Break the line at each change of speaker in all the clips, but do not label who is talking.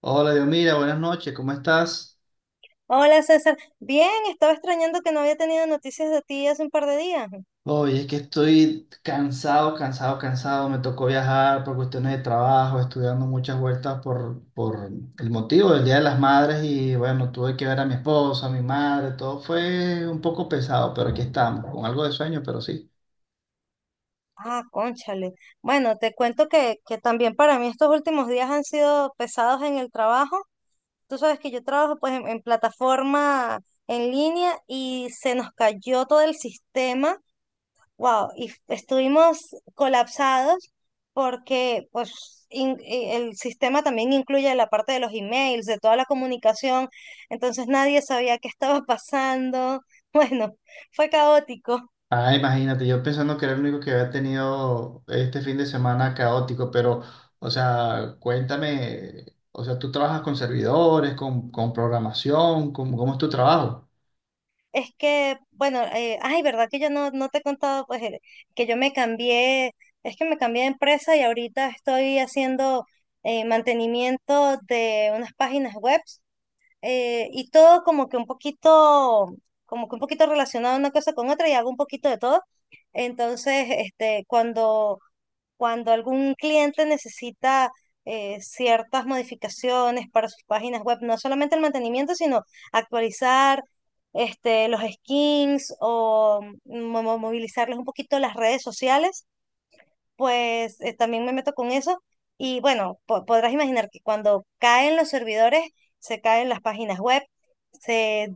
Hola, Dios, mira, buenas noches, ¿cómo estás?
Hola César, bien, estaba extrañando que no había tenido noticias de ti hace un par de días.
Oye, es que estoy cansado, cansado, cansado. Me tocó viajar por cuestiones de trabajo, estudiando muchas vueltas por el motivo del Día de las Madres y bueno, tuve que ver a mi esposa, a mi madre, todo fue un poco pesado, pero aquí estamos, con algo de sueño, pero sí.
Ah, cónchale. Bueno, te cuento que también para mí estos últimos días han sido pesados en el trabajo. Tú sabes que yo trabajo pues en plataforma en línea y se nos cayó todo el sistema. Wow, y estuvimos colapsados porque pues el sistema también incluye la parte de los emails, de toda la comunicación, entonces nadie sabía qué estaba pasando. Bueno, fue caótico.
Ah, imagínate, yo pensando que era el único que había tenido este fin de semana caótico, pero, o sea, cuéntame, o sea, tú trabajas con servidores, con programación, ¿cómo es tu trabajo?
Es que, bueno, ay, ¿verdad que yo no te he contado pues que yo me cambié? Es que me cambié de empresa y ahorita estoy haciendo, mantenimiento de unas páginas web, y todo como que un poquito relacionado una cosa con otra y hago un poquito de todo. Entonces, este, cuando algún cliente necesita, ciertas modificaciones para sus páginas web, no solamente el mantenimiento, sino actualizar, este, los skins o movilizarles un poquito las redes sociales, pues también me meto con eso. Y bueno, podrás imaginar que cuando caen los servidores, se caen las páginas web, se,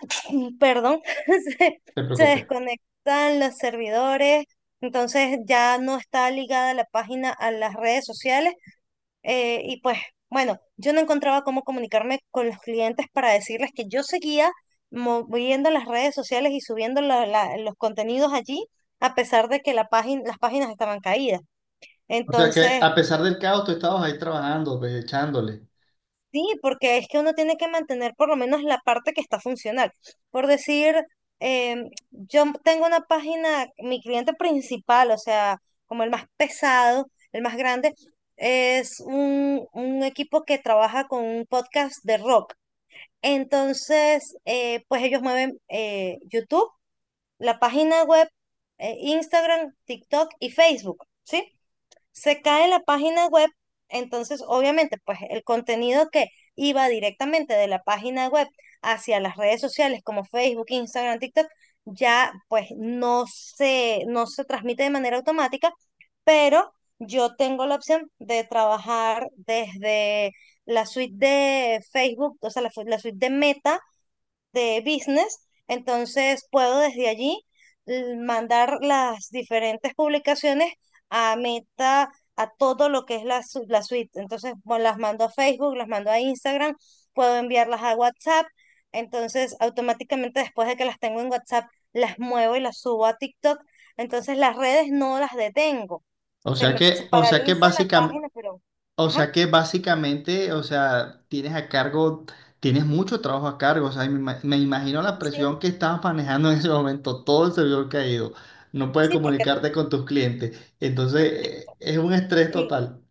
perdón, se,
Te
se
preocupes.
desconectan los servidores, entonces ya no está ligada la página a las redes sociales. Y pues bueno, yo no encontraba cómo comunicarme con los clientes para decirles que yo seguía moviendo las redes sociales y subiendo los contenidos allí, a pesar de que las páginas estaban caídas.
O sea que
Entonces,
a pesar del caos, tú estabas ahí trabajando, pues, echándole.
sí, porque es que uno tiene que mantener por lo menos la parte que está funcional. Por decir, yo tengo una página, mi cliente principal, o sea, como el más pesado, el más grande, es un equipo que trabaja con un podcast de rock. Entonces, pues ellos mueven, YouTube, la página web, Instagram, TikTok y Facebook, ¿sí? Se cae la página web, entonces obviamente pues el contenido que iba directamente de la página web hacia las redes sociales como Facebook, Instagram, TikTok, ya pues no se transmite de manera automática, pero yo tengo la opción de trabajar desde la suite de Facebook, o sea, la suite de Meta de business, entonces puedo desde allí, mandar las diferentes publicaciones a Meta, a todo lo que es la suite. Entonces, bueno, las mando a Facebook, las mando a Instagram, puedo enviarlas a WhatsApp. Entonces, automáticamente después de que las tengo en WhatsApp, las muevo y las subo a TikTok. Entonces, las redes no las detengo.
O
Se
sea
me se
que, o sea que
paraliza la
básicamente,
página, pero.
o sea
Ajá,
que básicamente, o sea, tienes a cargo, tienes mucho trabajo a cargo. O sea, me imagino
ah,
la
sí,
presión que estabas manejando en ese momento, todo el servidor caído. No puedes
sí, porque
comunicarte con tus clientes. Entonces, es un estrés
sí.
total.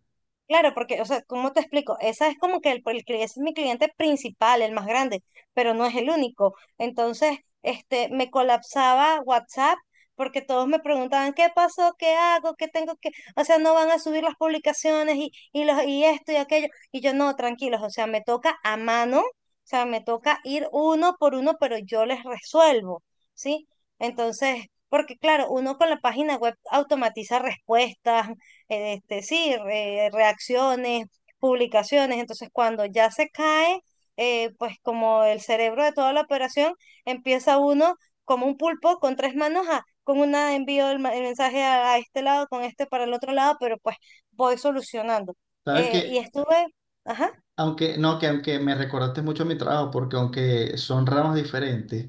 Claro, porque, o sea, ¿cómo te explico? Esa es como que ese es mi cliente principal, el más grande, pero no es el único. Entonces, este, me colapsaba WhatsApp porque todos me preguntaban, ¿qué pasó? ¿Qué hago? ¿Qué tengo que? O sea, no van a subir las publicaciones y esto y aquello. Y yo, no, tranquilos, o sea, me toca a mano, o sea, me toca ir uno por uno, pero yo les resuelvo, ¿sí? Entonces, porque claro, uno con la página web automatiza respuestas, este, sí, reacciones, publicaciones. Entonces, cuando ya se cae, pues como el cerebro de toda la operación, empieza uno como un pulpo con tres manos, con una envío el mensaje a este lado, con este para el otro lado, pero pues voy solucionando.
Sabes
Y
que,
estuve, ajá,
aunque, no, que aunque me recordaste mucho mi trabajo, porque aunque son ramas diferentes,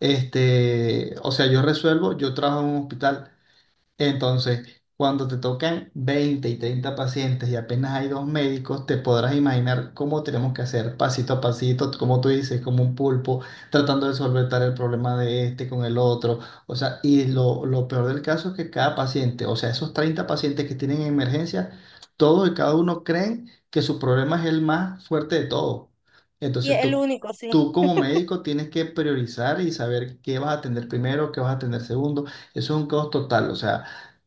este, o sea, yo resuelvo, yo trabajo en un hospital. Entonces, cuando te tocan 20 y 30 pacientes y apenas hay dos médicos, te podrás imaginar cómo tenemos que hacer pasito a pasito, como tú dices, como un pulpo, tratando de solventar el problema de este con el otro. O sea, y lo peor del caso es que cada paciente, o sea, esos 30 pacientes que tienen emergencia, todos y cada uno creen que su problema es el más fuerte de todos.
y
Entonces,
el
tú...
único, sí,
Tú como médico tienes que priorizar y saber qué vas a atender primero, qué vas a atender segundo. Eso es un caos total. O sea,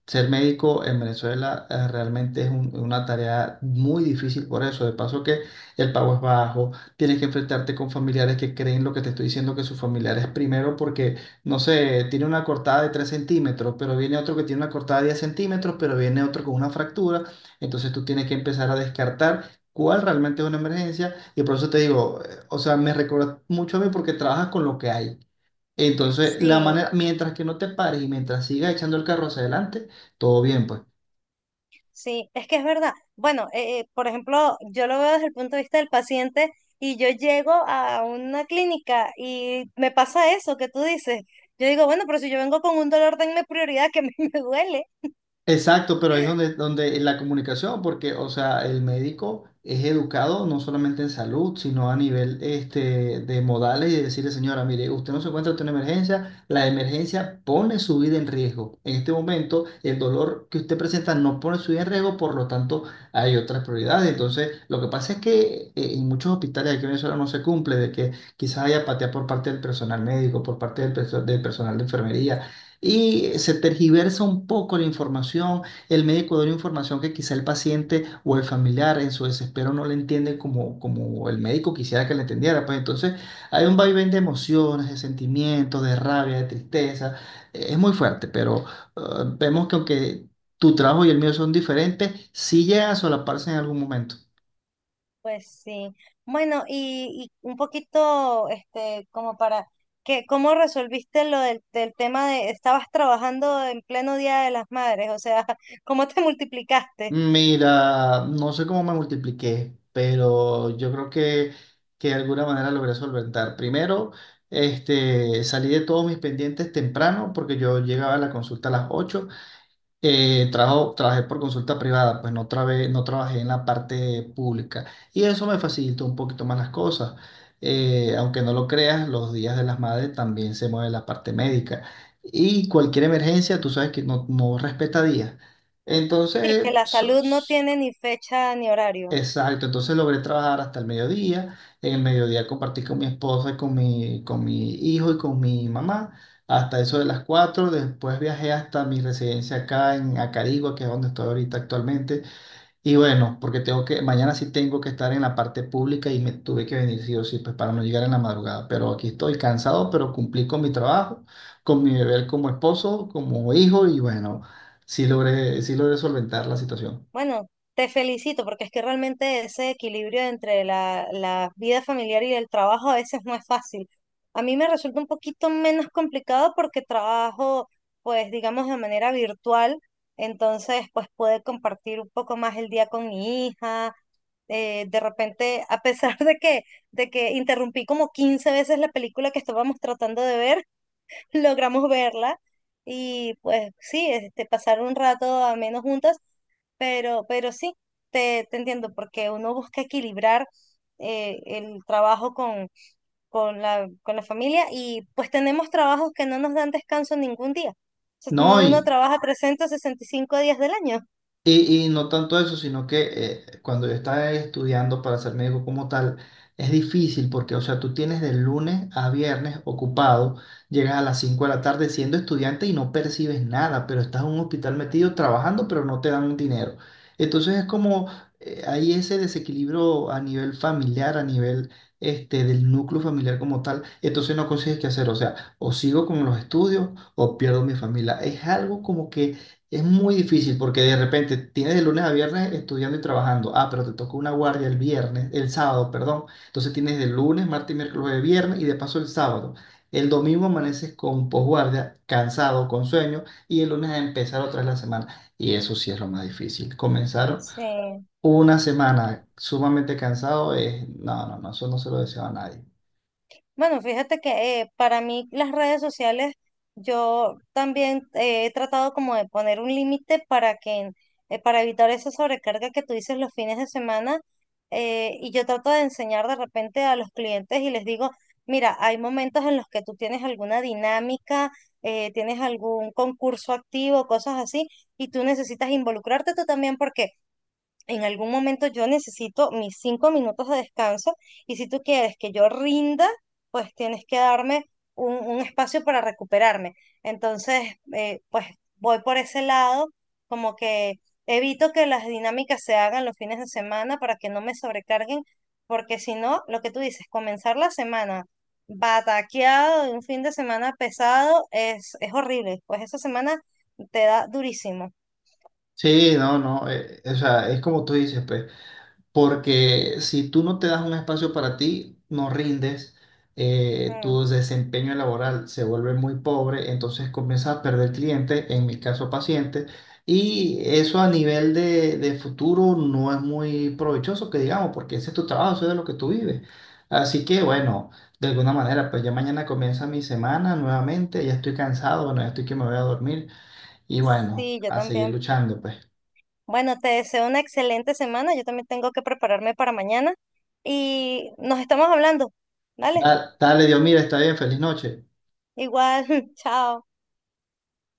ser médico en Venezuela realmente es una tarea muy difícil por eso. De paso que el pago es bajo, tienes que enfrentarte con familiares que creen lo que te estoy diciendo que sus familiares primero porque, no sé, tiene una cortada de 3 centímetros, pero viene otro que tiene una cortada de 10 centímetros, pero viene otro con una fractura. Entonces tú tienes que empezar a descartar cuál realmente es una emergencia. Y por eso te digo, o sea, me recuerda mucho a mí porque trabajas con lo que hay. Entonces, la
sí.
manera, mientras que no te pares y mientras sigas echando el carro hacia adelante, todo bien, pues.
Sí, es que es verdad. Bueno, por ejemplo, yo lo veo desde el punto de vista del paciente y yo llego a una clínica y me pasa eso que tú dices. Yo digo, bueno, pero si yo vengo con un dolor, denme prioridad que a mí me duele.
Exacto, pero ahí es donde la comunicación, porque, o sea, el médico es educado no solamente en salud, sino a nivel este, de modales y de decirle, señora, mire, usted no se encuentra ante una emergencia, la emergencia pone su vida en riesgo. En este momento, el dolor que usted presenta no pone su vida en riesgo, por lo tanto, hay otras prioridades. Entonces, lo que pasa es que en muchos hospitales aquí en Venezuela no se cumple, de que quizás haya apatía por parte del personal médico, por parte del personal de enfermería y se tergiversa un poco la información, el médico da una información que quizá el paciente o el familiar en su desespero no le entiende como el médico quisiera que le entendiera, pues entonces hay un vaivén de emociones, de sentimientos, de rabia, de tristeza. Es muy fuerte, pero eh, vemos que aunque tu trabajo y el mío son diferentes, sí llega a solaparse en algún momento.
Pues sí. Bueno, y un poquito, este, como para que, ¿cómo resolviste lo del tema de estabas trabajando en pleno Día de las Madres? O sea, ¿cómo te multiplicaste?
Mira, no sé cómo me multipliqué, pero yo creo que de alguna manera logré solventar. Primero, este, salí de todos mis pendientes temprano porque yo llegaba a la consulta a las 8. Trabajé por consulta privada, pues no, no trabajé en la parte pública y eso me facilitó un poquito más las cosas. Aunque no lo creas, los días de las madres también se mueve la parte médica y cualquier emergencia, tú sabes que no, no respeta días.
Sí, que
Entonces,
la salud no tiene ni fecha ni horario.
exacto, entonces logré trabajar hasta el mediodía. En el mediodía compartí con mi esposa y con mi hijo y con mi mamá hasta eso de las 4. Después viajé hasta mi residencia acá en Acarigua, que es donde estoy ahorita actualmente. Y bueno, porque mañana sí tengo que estar en la parte pública y me tuve que venir sí o sí, pues para no llegar en la madrugada. Pero aquí estoy cansado, pero cumplí con mi trabajo, con mi deber como esposo, como hijo y bueno, sí logré solventar la situación.
Bueno, te felicito porque es que realmente ese equilibrio entre la vida familiar y el trabajo a veces no es fácil. A mí me resulta un poquito menos complicado porque trabajo, pues digamos, de manera virtual, entonces pues puedo compartir un poco más el día con mi hija. De repente, a pesar de que interrumpí como 15 veces la película que estábamos tratando de ver, logramos verla y pues sí, este, pasar un rato a menos juntas, pero sí, te entiendo, porque uno busca equilibrar, el trabajo con la familia, y pues tenemos trabajos que no nos dan descanso ningún día. O sea,
No,
uno
y,
trabaja 365 días del año.
y no tanto eso, sino que cuando yo estaba estudiando para ser médico como tal, es difícil porque, o sea, tú tienes de lunes a viernes ocupado, llegas a las 5 de la tarde siendo estudiante y no percibes nada, pero estás en un hospital metido trabajando, pero no te dan dinero. Entonces es como, hay ese desequilibrio a nivel familiar, a nivel este, del núcleo familiar como tal, entonces no consigues qué hacer, o sea, o sigo con los estudios o pierdo mi familia. Es algo como que es muy difícil porque de repente tienes de lunes a viernes estudiando y trabajando. Ah, pero te tocó una guardia el viernes, el sábado, perdón. Entonces tienes de lunes, martes, miércoles, jueves, viernes y de paso el sábado. El domingo amaneces con posguardia, cansado, con sueño y el lunes a empezar otra vez la semana. Y eso sí es lo más difícil. Comenzar
Sí.
una semana sumamente cansado es... No, no, no, eso no se lo deseo a nadie.
Bueno, fíjate que, para mí las redes sociales, yo también he tratado como de poner un límite para que, para evitar esa sobrecarga que tú dices los fines de semana. Y yo trato de enseñar de repente a los clientes y les digo, mira, hay momentos en los que tú tienes alguna dinámica, tienes algún concurso activo, cosas así, y tú necesitas involucrarte tú también, porque en algún momento yo necesito mis 5 minutos de descanso y si tú quieres que yo rinda, pues tienes que darme un espacio para recuperarme. Entonces, pues voy por ese lado, como que evito que las dinámicas se hagan los fines de semana para que no me sobrecarguen, porque si no, lo que tú dices, comenzar la semana bataqueado de un fin de semana pesado es horrible, pues esa semana te da durísimo.
Sí, no, no, o sea, es como tú dices, pues. Porque si tú no te das un espacio para ti, no rindes,
Mm,
tu desempeño laboral se vuelve muy pobre, entonces comienzas a perder clientes, en mi caso pacientes, y eso a nivel de futuro no es muy provechoso, que digamos, porque ese es tu trabajo, eso es de lo que tú vives. Así que bueno, de alguna manera, pues ya mañana comienza mi semana nuevamente, ya estoy cansado, bueno, ya estoy que me voy a dormir y bueno,
sí, yo
a seguir
también.
luchando, pues.
Bueno, te deseo una excelente semana. Yo también tengo que prepararme para mañana y nos estamos hablando. Dale,
Dale, Dios, mira, está bien, feliz noche.
igual, chao.